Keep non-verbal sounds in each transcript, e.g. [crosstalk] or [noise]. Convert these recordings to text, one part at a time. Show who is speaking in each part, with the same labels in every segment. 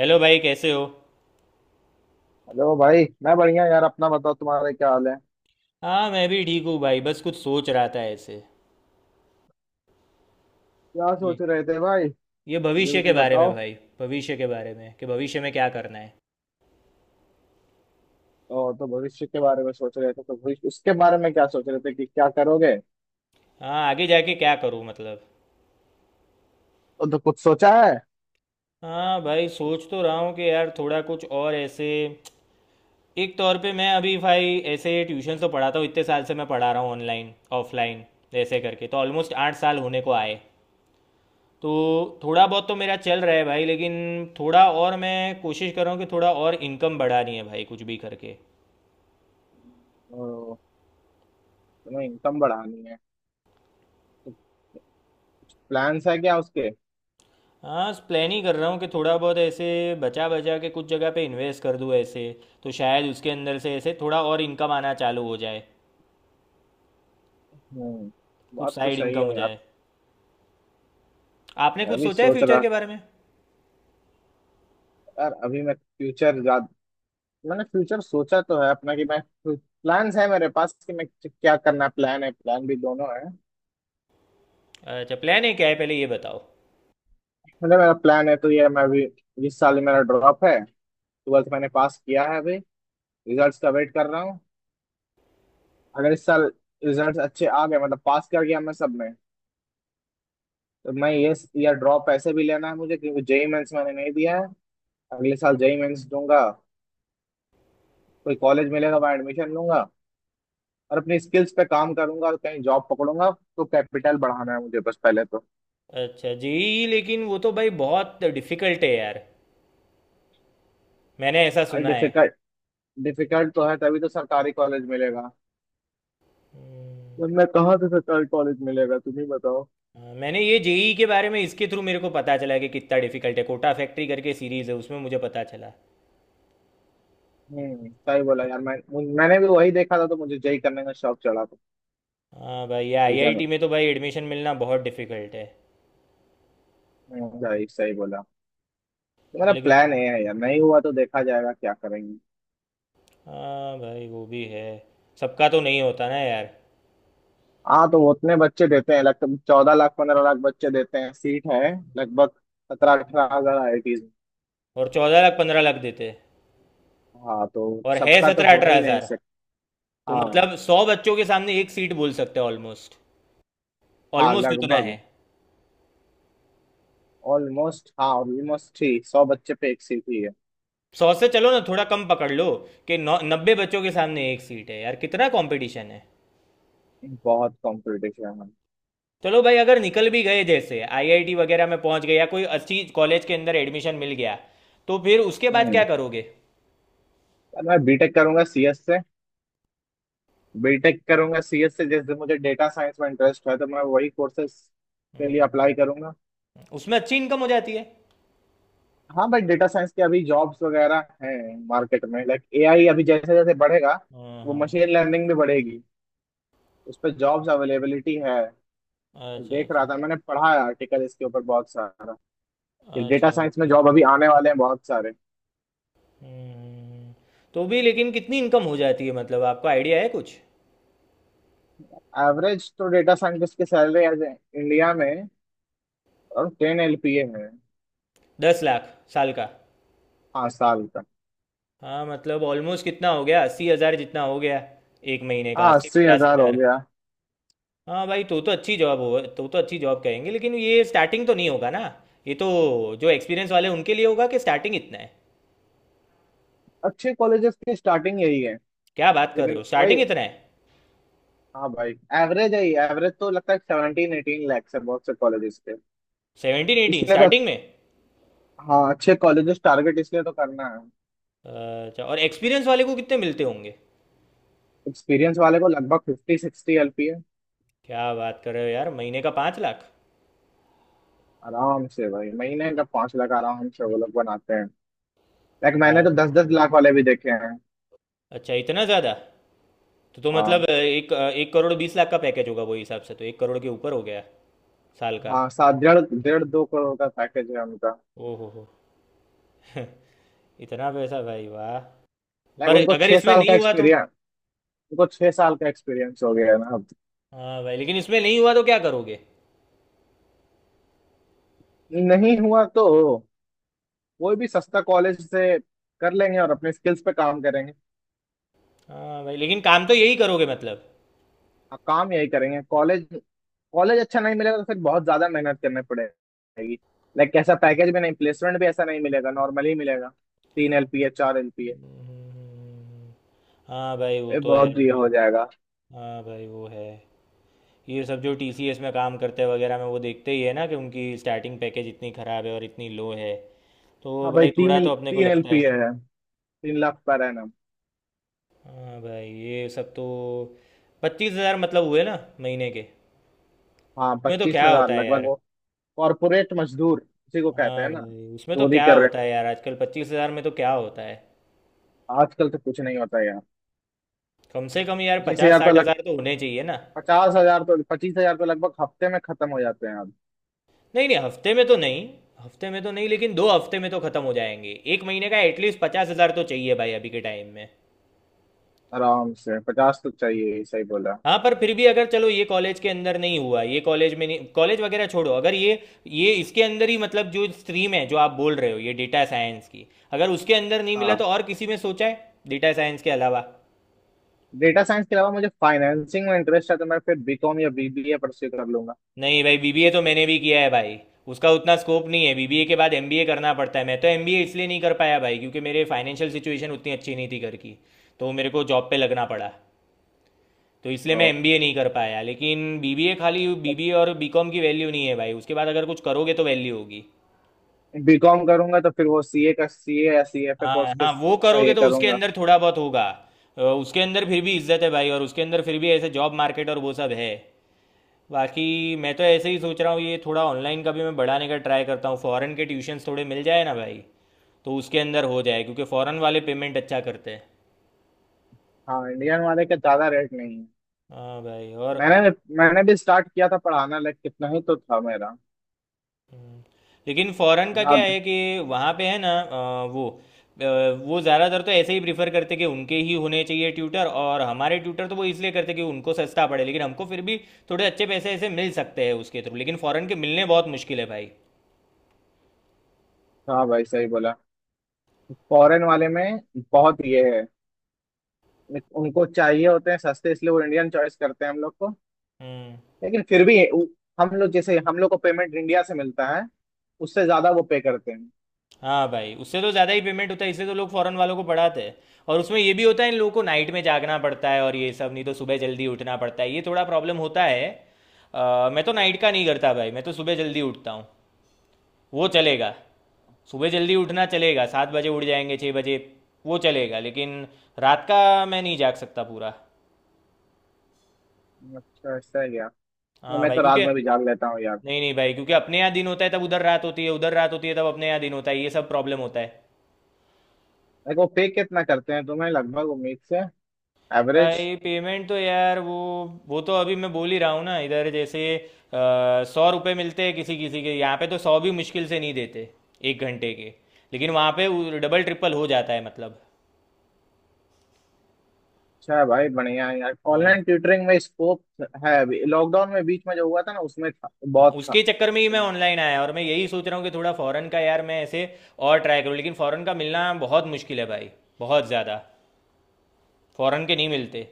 Speaker 1: Hello भाई कैसे हो।
Speaker 2: हेलो भाई, मैं बढ़िया यार। अपना बताओ, तुम्हारे क्या हाल है।
Speaker 1: हाँ मैं भी ठीक हूँ भाई, बस कुछ सोच रहा था ऐसे।
Speaker 2: क्या
Speaker 1: ये
Speaker 2: सोच रहे थे भाई?
Speaker 1: ये
Speaker 2: मुझे
Speaker 1: भविष्य के
Speaker 2: भी
Speaker 1: बारे में
Speaker 2: बताओ।
Speaker 1: भाई। भविष्य के बारे में कि भविष्य में क्या करना है।
Speaker 2: और तो भविष्य के बारे में सोच रहे थे तो भविष्य उसके बारे में क्या सोच रहे थे कि क्या करोगे?
Speaker 1: हाँ आगे जाके क्या करूँ मतलब।
Speaker 2: तो कुछ सोचा है?
Speaker 1: हाँ भाई सोच तो रहा हूँ कि यार थोड़ा कुछ और ऐसे। एक तौर पे मैं अभी भाई ऐसे ट्यूशन तो पढ़ाता हूँ, इतने साल से मैं पढ़ा रहा हूँ ऑनलाइन ऑफलाइन ऐसे करके तो ऑलमोस्ट 8 साल होने को आए। तो थोड़ा बहुत तो मेरा चल रहा है भाई, लेकिन थोड़ा और मैं कोशिश कर रहा हूँ कि थोड़ा और इनकम बढ़ानी है भाई कुछ भी करके।
Speaker 2: ओ, तुम्हें इनकम बढ़ानी है तो प्लान्स है क्या उसके?
Speaker 1: हाँ प्लान ही कर रहा हूँ कि थोड़ा बहुत ऐसे बचा बचा के कुछ जगह पे इन्वेस्ट कर दूँ ऐसे, तो शायद उसके अंदर से ऐसे थोड़ा और इनकम आना चालू हो जाए।
Speaker 2: हम्म।
Speaker 1: कुछ
Speaker 2: बात तो
Speaker 1: साइड
Speaker 2: सही
Speaker 1: इनकम हो
Speaker 2: है यार।
Speaker 1: जाए। आपने
Speaker 2: मैं
Speaker 1: कुछ
Speaker 2: भी
Speaker 1: सोचा है
Speaker 2: सोच
Speaker 1: फ्यूचर
Speaker 2: रहा था
Speaker 1: के बारे में।
Speaker 2: यार। अभी मैंने फ्यूचर सोचा तो है अपना, कि मैं प्लान्स है मेरे पास कि मैं क्या करना। प्लान है, प्लान भी दोनों है।
Speaker 1: अच्छा प्लान है, क्या है पहले ये बताओ।
Speaker 2: मतलब मेरा प्लान है तो ये, मैं अभी इस साल मेरा ड्रॉप है। ट्वेल्थ मैंने पास किया है अभी, रिजल्ट्स का वेट कर रहा हूँ। अगर इस साल रिजल्ट्स अच्छे आ गए मतलब पास कर गया मैं सब में, तो मैं ये या ड्रॉप ऐसे भी लेना है मुझे क्योंकि जेई मेंस मैंने नहीं दिया है। अगले साल जेई मेंस दूंगा, कोई कॉलेज मिलेगा, वहाँ एडमिशन लूंगा और अपनी स्किल्स पे काम करूंगा और कहीं जॉब पकड़ूंगा। तो कैपिटल बढ़ाना है मुझे बस पहले तो।
Speaker 1: अच्छा जेई, लेकिन वो तो भाई बहुत डिफिकल्ट है यार, मैंने ऐसा
Speaker 2: अरे
Speaker 1: सुना है।
Speaker 2: डिफिकल्ट। डिफिकल्ट तो है, तभी तो सरकारी कॉलेज मिलेगा। वरना कहाँ से सरकारी कॉलेज मिलेगा, तुम ही बताओ।
Speaker 1: हाँ, मैंने ये जेई के बारे में इसके थ्रू मेरे को पता चला कि कितना डिफिकल्ट है। कोटा फैक्ट्री करके सीरीज़ है, उसमें मुझे पता चला।
Speaker 2: सही बोला यार। मैं, मैंने भी वही देखा था तो मुझे जेई करने का शौक चढ़ा था।
Speaker 1: हाँ भाई, ये
Speaker 2: रीजन।
Speaker 1: आईआईटी में तो भाई एडमिशन मिलना बहुत डिफिकल्ट है।
Speaker 2: सही सही बोला। तो
Speaker 1: हाँ,
Speaker 2: मेरा
Speaker 1: लेकिन
Speaker 2: प्लान ये है यार, नहीं हुआ तो देखा जाएगा क्या करेंगे।
Speaker 1: हाँ भाई वो भी है, सबका तो नहीं होता ना यार।
Speaker 2: हाँ तो वो उतने बच्चे देते हैं, लगभग 14 लाख 15 लाख बच्चे देते हैं। सीट है लगभग 17-18 हज़ार आईआईटीज।
Speaker 1: और 14 लाख 15 लाख देते।
Speaker 2: हाँ तो
Speaker 1: और है
Speaker 2: सबका तो
Speaker 1: सत्रह
Speaker 2: हो
Speaker 1: अठारह
Speaker 2: ही नहीं
Speaker 1: हजार
Speaker 2: सकता।
Speaker 1: तो
Speaker 2: हाँ।
Speaker 1: मतलब 100 बच्चों के सामने एक सीट बोल सकते हैं ऑलमोस्ट।
Speaker 2: हाँ
Speaker 1: ऑलमोस्ट इतना है।
Speaker 2: लगभग। ऑलमोस्ट हाँ, ऑलमोस्ट ही 100 बच्चे पे 1 सीट ही है।
Speaker 1: सौ से चलो ना थोड़ा कम पकड़ लो कि 9 90 बच्चों के सामने एक सीट है यार, कितना कंपटीशन है।
Speaker 2: बहुत कंपटीशन है।
Speaker 1: चलो भाई, अगर निकल भी गए, जैसे आईआईटी वगैरह में पहुंच गए या कोई अच्छी कॉलेज के अंदर एडमिशन मिल गया, तो फिर उसके बाद क्या
Speaker 2: हम्म
Speaker 1: करोगे।
Speaker 2: यार मैं बीटेक करूंगा सीएस से। बीटेक करूंगा सीएस से, जैसे मुझे डेटा साइंस में इंटरेस्ट है तो मैं वही कोर्सेज के लिए
Speaker 1: हम्म।
Speaker 2: अप्लाई करूंगा।
Speaker 1: उसमें अच्छी इनकम हो जाती है।
Speaker 2: हाँ भाई, डेटा साइंस के अभी जॉब्स वगैरह हैं मार्केट में। लाइक एआई अभी जैसे जैसे बढ़ेगा,
Speaker 1: हाँ
Speaker 2: वो
Speaker 1: हाँ।
Speaker 2: मशीन लर्निंग भी बढ़ेगी, उस पर जॉब्स अवेलेबिलिटी है।
Speaker 1: अच्छा
Speaker 2: देख रहा
Speaker 1: अच्छा।
Speaker 2: था, मैंने पढ़ा है आर्टिकल इसके ऊपर बहुत सारा, कि डेटा
Speaker 1: अच्छा
Speaker 2: साइंस में
Speaker 1: ओके।
Speaker 2: जॉब अभी आने वाले हैं बहुत सारे।
Speaker 1: हम्म। तो भी लेकिन कितनी इनकम हो जाती है मतलब, आपको आइडिया है कुछ।
Speaker 2: एवरेज तो डेटा साइंटिस्ट की सैलरी एज इंडिया में और 10 LPA है।
Speaker 1: 10 लाख साल का।
Speaker 2: हाँ साल का।
Speaker 1: हाँ मतलब ऑलमोस्ट कितना हो गया, 80 हज़ार जितना हो गया। एक महीने का
Speaker 2: हाँ
Speaker 1: अस्सी
Speaker 2: अस्सी
Speaker 1: पचास
Speaker 2: हजार हो
Speaker 1: हज़ार
Speaker 2: गया।
Speaker 1: हाँ भाई तो अच्छी जॉब हो तो अच्छी जॉब कहेंगे, लेकिन ये स्टार्टिंग तो नहीं होगा ना। ये तो जो एक्सपीरियंस वाले उनके लिए होगा कि स्टार्टिंग इतना है।
Speaker 2: अच्छे कॉलेजेस की स्टार्टिंग यही है।
Speaker 1: क्या बात कर रहे हो,
Speaker 2: लेकिन वही,
Speaker 1: स्टार्टिंग इतना है।
Speaker 2: हाँ भाई, एवरेज है। एवरेज तो लगता है 17 18 लैक्स है बहुत से कॉलेजेस के,
Speaker 1: 17 18
Speaker 2: इसलिए तो।
Speaker 1: स्टार्टिंग में।
Speaker 2: हाँ, अच्छे कॉलेजेस टारगेट इसलिए तो करना है।
Speaker 1: अच्छा और एक्सपीरियंस वाले को कितने मिलते होंगे।
Speaker 2: एक्सपीरियंस वाले को लगभग 50-60 LPA।
Speaker 1: क्या बात कर रहे हो यार, महीने का 5 लाख।
Speaker 2: आराम से भाई, महीने का 5 लाख आराम से वो लोग बनाते हैं। लाइक
Speaker 1: क्या
Speaker 2: मैंने तो
Speaker 1: बात
Speaker 2: दस
Speaker 1: कर
Speaker 2: दस
Speaker 1: रहे हो,
Speaker 2: लाख वाले भी देखे हैं।
Speaker 1: अच्छा इतना ज़्यादा। तो मतलब
Speaker 2: हाँ।
Speaker 1: 1 1 करोड़ 20 लाख का पैकेज होगा, वो हिसाब से तो 1 करोड़ के ऊपर हो गया। साल का।
Speaker 2: हाँ सात डेढ़ डेढ़ दो करोड़ का पैकेज है उनका।
Speaker 1: ओ हो [laughs] हो। इतना पैसा भाई वाह।
Speaker 2: लाइक
Speaker 1: पर
Speaker 2: उनको
Speaker 1: अगर
Speaker 2: छह
Speaker 1: इसमें
Speaker 2: साल
Speaker 1: नहीं
Speaker 2: का
Speaker 1: हुआ तो।
Speaker 2: एक्सपीरियंस, उनको छह साल का एक्सपीरियंस हो गया है ना अब।
Speaker 1: हाँ भाई लेकिन इसमें नहीं हुआ तो क्या करोगे।
Speaker 2: नहीं हुआ तो कोई भी सस्ता कॉलेज से कर लेंगे और अपने स्किल्स पे काम करेंगे।
Speaker 1: हाँ भाई लेकिन काम तो यही करोगे मतलब।
Speaker 2: हाँ, काम यही करेंगे। कॉलेज कॉलेज अच्छा नहीं मिलेगा तो फिर बहुत ज्यादा मेहनत करनी पड़ेगी। लाइक ऐसा पैकेज भी नहीं, प्लेसमेंट भी ऐसा नहीं मिलेगा, नॉर्मली मिलेगा 3 LPA 4 LPA,
Speaker 1: हम्म। हाँ भाई वो
Speaker 2: ये
Speaker 1: तो है
Speaker 2: बहुत ये
Speaker 1: अभी।
Speaker 2: हो जाएगा।
Speaker 1: हाँ भाई वो है। ये सब जो टीसीएस में काम करते हैं वगैरह में वो देखते ही है ना कि उनकी स्टार्टिंग पैकेज इतनी ख़राब है और इतनी लो है, तो
Speaker 2: हाँ भाई,
Speaker 1: भाई
Speaker 2: तीन
Speaker 1: थोड़ा तो अपने को
Speaker 2: तीन
Speaker 1: लगता है।
Speaker 2: एलपीए है। 3 लाख पर एनम।
Speaker 1: हाँ भाई ये सब तो 25 हज़ार मतलब हुए ना, महीने के।
Speaker 2: हाँ
Speaker 1: उसमें तो
Speaker 2: पच्चीस
Speaker 1: क्या
Speaker 2: हजार
Speaker 1: होता है
Speaker 2: लगभग
Speaker 1: यार।
Speaker 2: वो। कॉर्पोरेट मजदूर उसी को कहते
Speaker 1: हाँ
Speaker 2: हैं ना,
Speaker 1: भाई उसमें तो
Speaker 2: चोरी
Speaker 1: क्या
Speaker 2: कर रहे
Speaker 1: होता है यार, आजकल 25 हज़ार में तो क्या होता है।
Speaker 2: हैं। आजकल तो कुछ नहीं होता यार।
Speaker 1: कम से कम यार
Speaker 2: पच्चीस
Speaker 1: पचास
Speaker 2: हजार तो
Speaker 1: साठ
Speaker 2: लग
Speaker 1: हजार तो होने चाहिए ना।
Speaker 2: 50 हज़ार तो 25 हज़ार तो लगभग हफ्ते में खत्म हो जाते हैं अब।
Speaker 1: नहीं नहीं, हफ्ते में तो नहीं। हफ्ते में तो नहीं, लेकिन 2 हफ्ते में तो खत्म हो जाएंगे। एक महीने का एटलीस्ट 50 हज़ार तो चाहिए भाई अभी के टाइम में।
Speaker 2: आराम से 50 हज़ार तो चाहिए ही, सही बोला।
Speaker 1: हाँ पर फिर भी अगर चलो ये कॉलेज के अंदर नहीं हुआ, ये कॉलेज में नहीं, कॉलेज वगैरह छोड़ो, अगर ये ये इसके अंदर ही मतलब जो स्ट्रीम है जो आप बोल रहे हो, ये डेटा साइंस की, अगर उसके अंदर नहीं मिला तो
Speaker 2: हाँ।
Speaker 1: और किसी में सोचा है डेटा साइंस के अलावा।
Speaker 2: डेटा साइंस के अलावा मुझे फाइनेंसिंग में इंटरेस्ट है तो मैं फिर बीकॉम या बीबीए परस्यू कर लूंगा।
Speaker 1: नहीं भाई, बीबीए तो मैंने भी किया है भाई, उसका उतना स्कोप नहीं है। बीबीए के बाद एमबीए करना पड़ता है, मैं तो एमबीए इसलिए नहीं कर पाया भाई क्योंकि मेरे फाइनेंशियल सिचुएशन उतनी अच्छी नहीं थी घर की, तो मेरे को जॉब पे लगना पड़ा। तो इसलिए मैं एमबीए नहीं कर पाया, लेकिन बीबीए, खाली बीबीए और बीकॉम की वैल्यू नहीं है भाई, उसके बाद अगर कुछ करोगे तो वैल्यू होगी।
Speaker 2: बीकॉम करूंगा तो फिर वो सीए का, सीए या सीएफए
Speaker 1: हाँ
Speaker 2: कोर्स के
Speaker 1: हाँ वो
Speaker 2: का
Speaker 1: करोगे
Speaker 2: ये
Speaker 1: तो उसके
Speaker 2: करूंगा।
Speaker 1: अंदर थोड़ा बहुत होगा। उसके अंदर फिर भी इज्जत है भाई, और उसके अंदर फिर भी ऐसे जॉब मार्केट और वो सब है। बाकी मैं तो ऐसे ही सोच रहा हूँ, ये थोड़ा ऑनलाइन का भी मैं बढ़ाने का ट्राई करता हूँ, फॉरेन के ट्यूशन्स थोड़े मिल जाए ना भाई, तो उसके अंदर हो जाए क्योंकि फॉरेन वाले पेमेंट अच्छा करते हैं।
Speaker 2: हाँ, इंडियन वाले का ज्यादा रेट नहीं है।
Speaker 1: हाँ भाई और
Speaker 2: मैंने मैंने भी स्टार्ट किया था पढ़ाना, लाइक कितना ही तो था मेरा।
Speaker 1: लेकिन फॉरेन का क्या
Speaker 2: ज्यादा।
Speaker 1: है कि वहाँ पे है ना वो अ, वो ज़्यादातर तो ऐसे ही प्रीफर करते कि उनके ही होने चाहिए ट्यूटर, और हमारे ट्यूटर तो वो इसलिए करते कि उनको सस्ता पड़े, लेकिन हमको फिर भी थोड़े अच्छे पैसे ऐसे मिल सकते हैं उसके थ्रू, लेकिन फॉरेन के मिलने बहुत मुश्किल है भाई।
Speaker 2: हाँ भाई, सही बोला। फॉरेन वाले में बहुत ये है। Like, उनको चाहिए होते हैं सस्ते, इसलिए वो इंडियन चॉइस करते हैं हम लोग को।
Speaker 1: हम्म।
Speaker 2: लेकिन फिर भी हम लोग, जैसे हम लोग को पेमेंट इंडिया से मिलता है उससे ज्यादा वो पे करते हैं।
Speaker 1: हाँ भाई उससे तो ज़्यादा ही पेमेंट होता है, इसलिए तो लोग फॉरेन वालों को पढ़ाते हैं। और उसमें ये भी होता है इन लोगों को नाइट में जागना पड़ता है और ये सब, नहीं तो सुबह जल्दी उठना पड़ता है, ये थोड़ा प्रॉब्लम होता है। मैं तो नाइट का नहीं करता भाई, मैं तो सुबह जल्दी उठता हूँ, वो चलेगा। सुबह जल्दी उठना चलेगा, 7 बजे उठ जाएंगे 6 बजे, वो चलेगा, लेकिन रात का मैं नहीं जाग सकता पूरा।
Speaker 2: अच्छा ऐसा है क्या? तो
Speaker 1: हाँ
Speaker 2: मैं
Speaker 1: भाई
Speaker 2: तो रात
Speaker 1: क्योंकि,
Speaker 2: में भी जाग लेता हूँ यार।
Speaker 1: नहीं नहीं भाई क्योंकि अपने यहाँ दिन होता है तब उधर रात होती है, उधर रात होती है तब अपने यहाँ दिन होता है, ये सब प्रॉब्लम होता है।
Speaker 2: देखो पे कितना करते हैं तुम्हें लगभग उम्मीद से, एवरेज।
Speaker 1: भाई पेमेंट तो यार वो तो अभी मैं बोल ही रहा हूँ ना, इधर जैसे 100 रुपये मिलते हैं किसी किसी के यहाँ पे, तो सौ भी मुश्किल से नहीं देते, 1 घंटे के। लेकिन वहाँ पे डबल ट्रिपल हो जाता है मतलब।
Speaker 2: अच्छा है भाई, बढ़िया है यार।
Speaker 1: हाँ।
Speaker 2: ऑनलाइन ट्यूटरिंग में स्कोप है अभी, लॉकडाउन में बीच में जो हुआ था ना उसमें था,
Speaker 1: हाँ,
Speaker 2: बहुत था।
Speaker 1: उसके चक्कर में ही मैं ऑनलाइन आया, और मैं यही सोच रहा हूँ कि थोड़ा फॉरेन का यार मैं ऐसे और ट्राई करूँ, लेकिन फॉरेन का मिलना बहुत मुश्किल है भाई, बहुत ज़्यादा। फॉरेन के नहीं मिलते।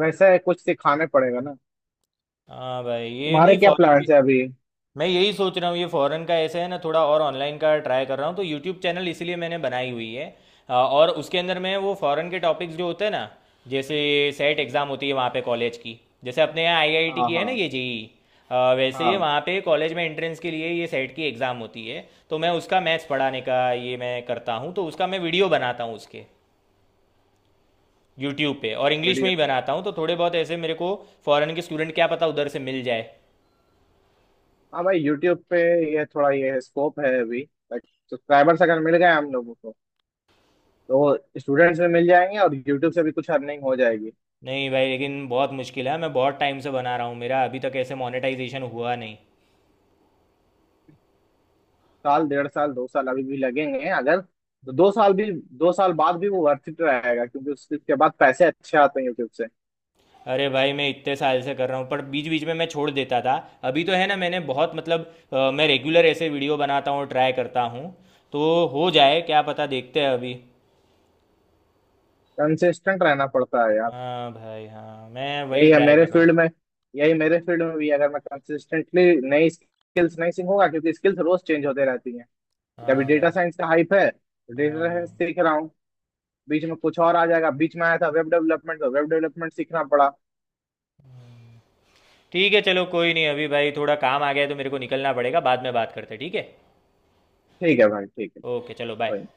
Speaker 2: वैसे कुछ सिखाने पड़ेगा ना।
Speaker 1: हाँ भाई ये
Speaker 2: तुम्हारे
Speaker 1: नहीं
Speaker 2: क्या
Speaker 1: फॉरेन के।
Speaker 2: प्लान्स है अभी?
Speaker 1: मैं यही सोच रहा हूँ ये फॉरेन का ऐसे है ना, थोड़ा और ऑनलाइन का ट्राई कर रहा हूँ, तो यूट्यूब चैनल इसीलिए मैंने बनाई हुई है। और उसके अंदर मैं वो फॉरेन के टॉपिक्स जो होते हैं ना, जैसे सेट एग्ज़ाम होती है वहाँ पे कॉलेज की, जैसे अपने यहाँ आईआईटी
Speaker 2: हाँ,
Speaker 1: की है ना
Speaker 2: हाँ,
Speaker 1: ये जेई, वैसे ही
Speaker 2: हाँ।
Speaker 1: वहाँ पे कॉलेज में एंट्रेंस के लिए ये सेट की एग्ज़ाम होती है, तो मैं उसका मैथ्स पढ़ाने का ये मैं करता हूँ, तो उसका मैं वीडियो बनाता हूँ उसके यूट्यूब पे, और इंग्लिश में
Speaker 2: वीडियो।
Speaker 1: ही बनाता हूँ तो थोड़े बहुत ऐसे मेरे को फॉरेन के स्टूडेंट क्या पता उधर से मिल जाए।
Speaker 2: हाँ भाई यूट्यूब पे ये थोड़ा ये स्कोप है अभी। सब्सक्राइबर्स अगर मिल गए हम लोगों को, तो स्टूडेंट्स भी मिल जाएंगे और यूट्यूब से भी कुछ अर्निंग हो जाएगी।
Speaker 1: नहीं भाई लेकिन बहुत मुश्किल है, मैं बहुत टाइम से बना रहा हूँ, मेरा अभी तक ऐसे मोनेटाइजेशन हुआ नहीं।
Speaker 2: 1 साल, 1.5 साल, 2 साल अभी भी लगेंगे, अगर तो 2 साल भी, 2 साल बाद भी वो वर्थ इट रहेगा क्योंकि उसके बाद पैसे अच्छे आते हैं यूट्यूब से।
Speaker 1: अरे भाई मैं इतने साल से कर रहा हूँ, पर बीच बीच में मैं छोड़ देता था। अभी तो है ना मैंने बहुत मतलब मैं रेगुलर ऐसे वीडियो बनाता हूँ, ट्राई करता हूँ, तो हो जाए क्या पता, देखते हैं अभी।
Speaker 2: कंसिस्टेंट रहना पड़ता है यार।
Speaker 1: हाँ भाई हाँ मैं वही
Speaker 2: यही है
Speaker 1: ट्राई
Speaker 2: मेरे
Speaker 1: कर रहा हूँ।
Speaker 2: फील्ड में। यही मेरे फील्ड में भी, अगर मैं कंसिस्टेंटली नई स्किल्स नहीं सीखूंगा, क्योंकि स्किल्स रोज चेंज होते रहती हैं। कभी
Speaker 1: हाँ
Speaker 2: डेटा
Speaker 1: भाई
Speaker 2: साइंस का हाइप है तो डेटा
Speaker 1: हाँ।
Speaker 2: साइंस सीख रहा हूँ। बीच में कुछ और आ जाएगा, बीच में आया था वेब डेवलपमेंट तो वेब डेवलपमेंट सीखना पड़ा।
Speaker 1: ठीक है चलो कोई नहीं, अभी भाई थोड़ा काम आ गया है, तो मेरे को निकलना पड़ेगा, बाद में बात करते हैं ठीक है।
Speaker 2: ठीक है भाई, ठीक है।
Speaker 1: ओके चलो बाय।
Speaker 2: कोई नहीं।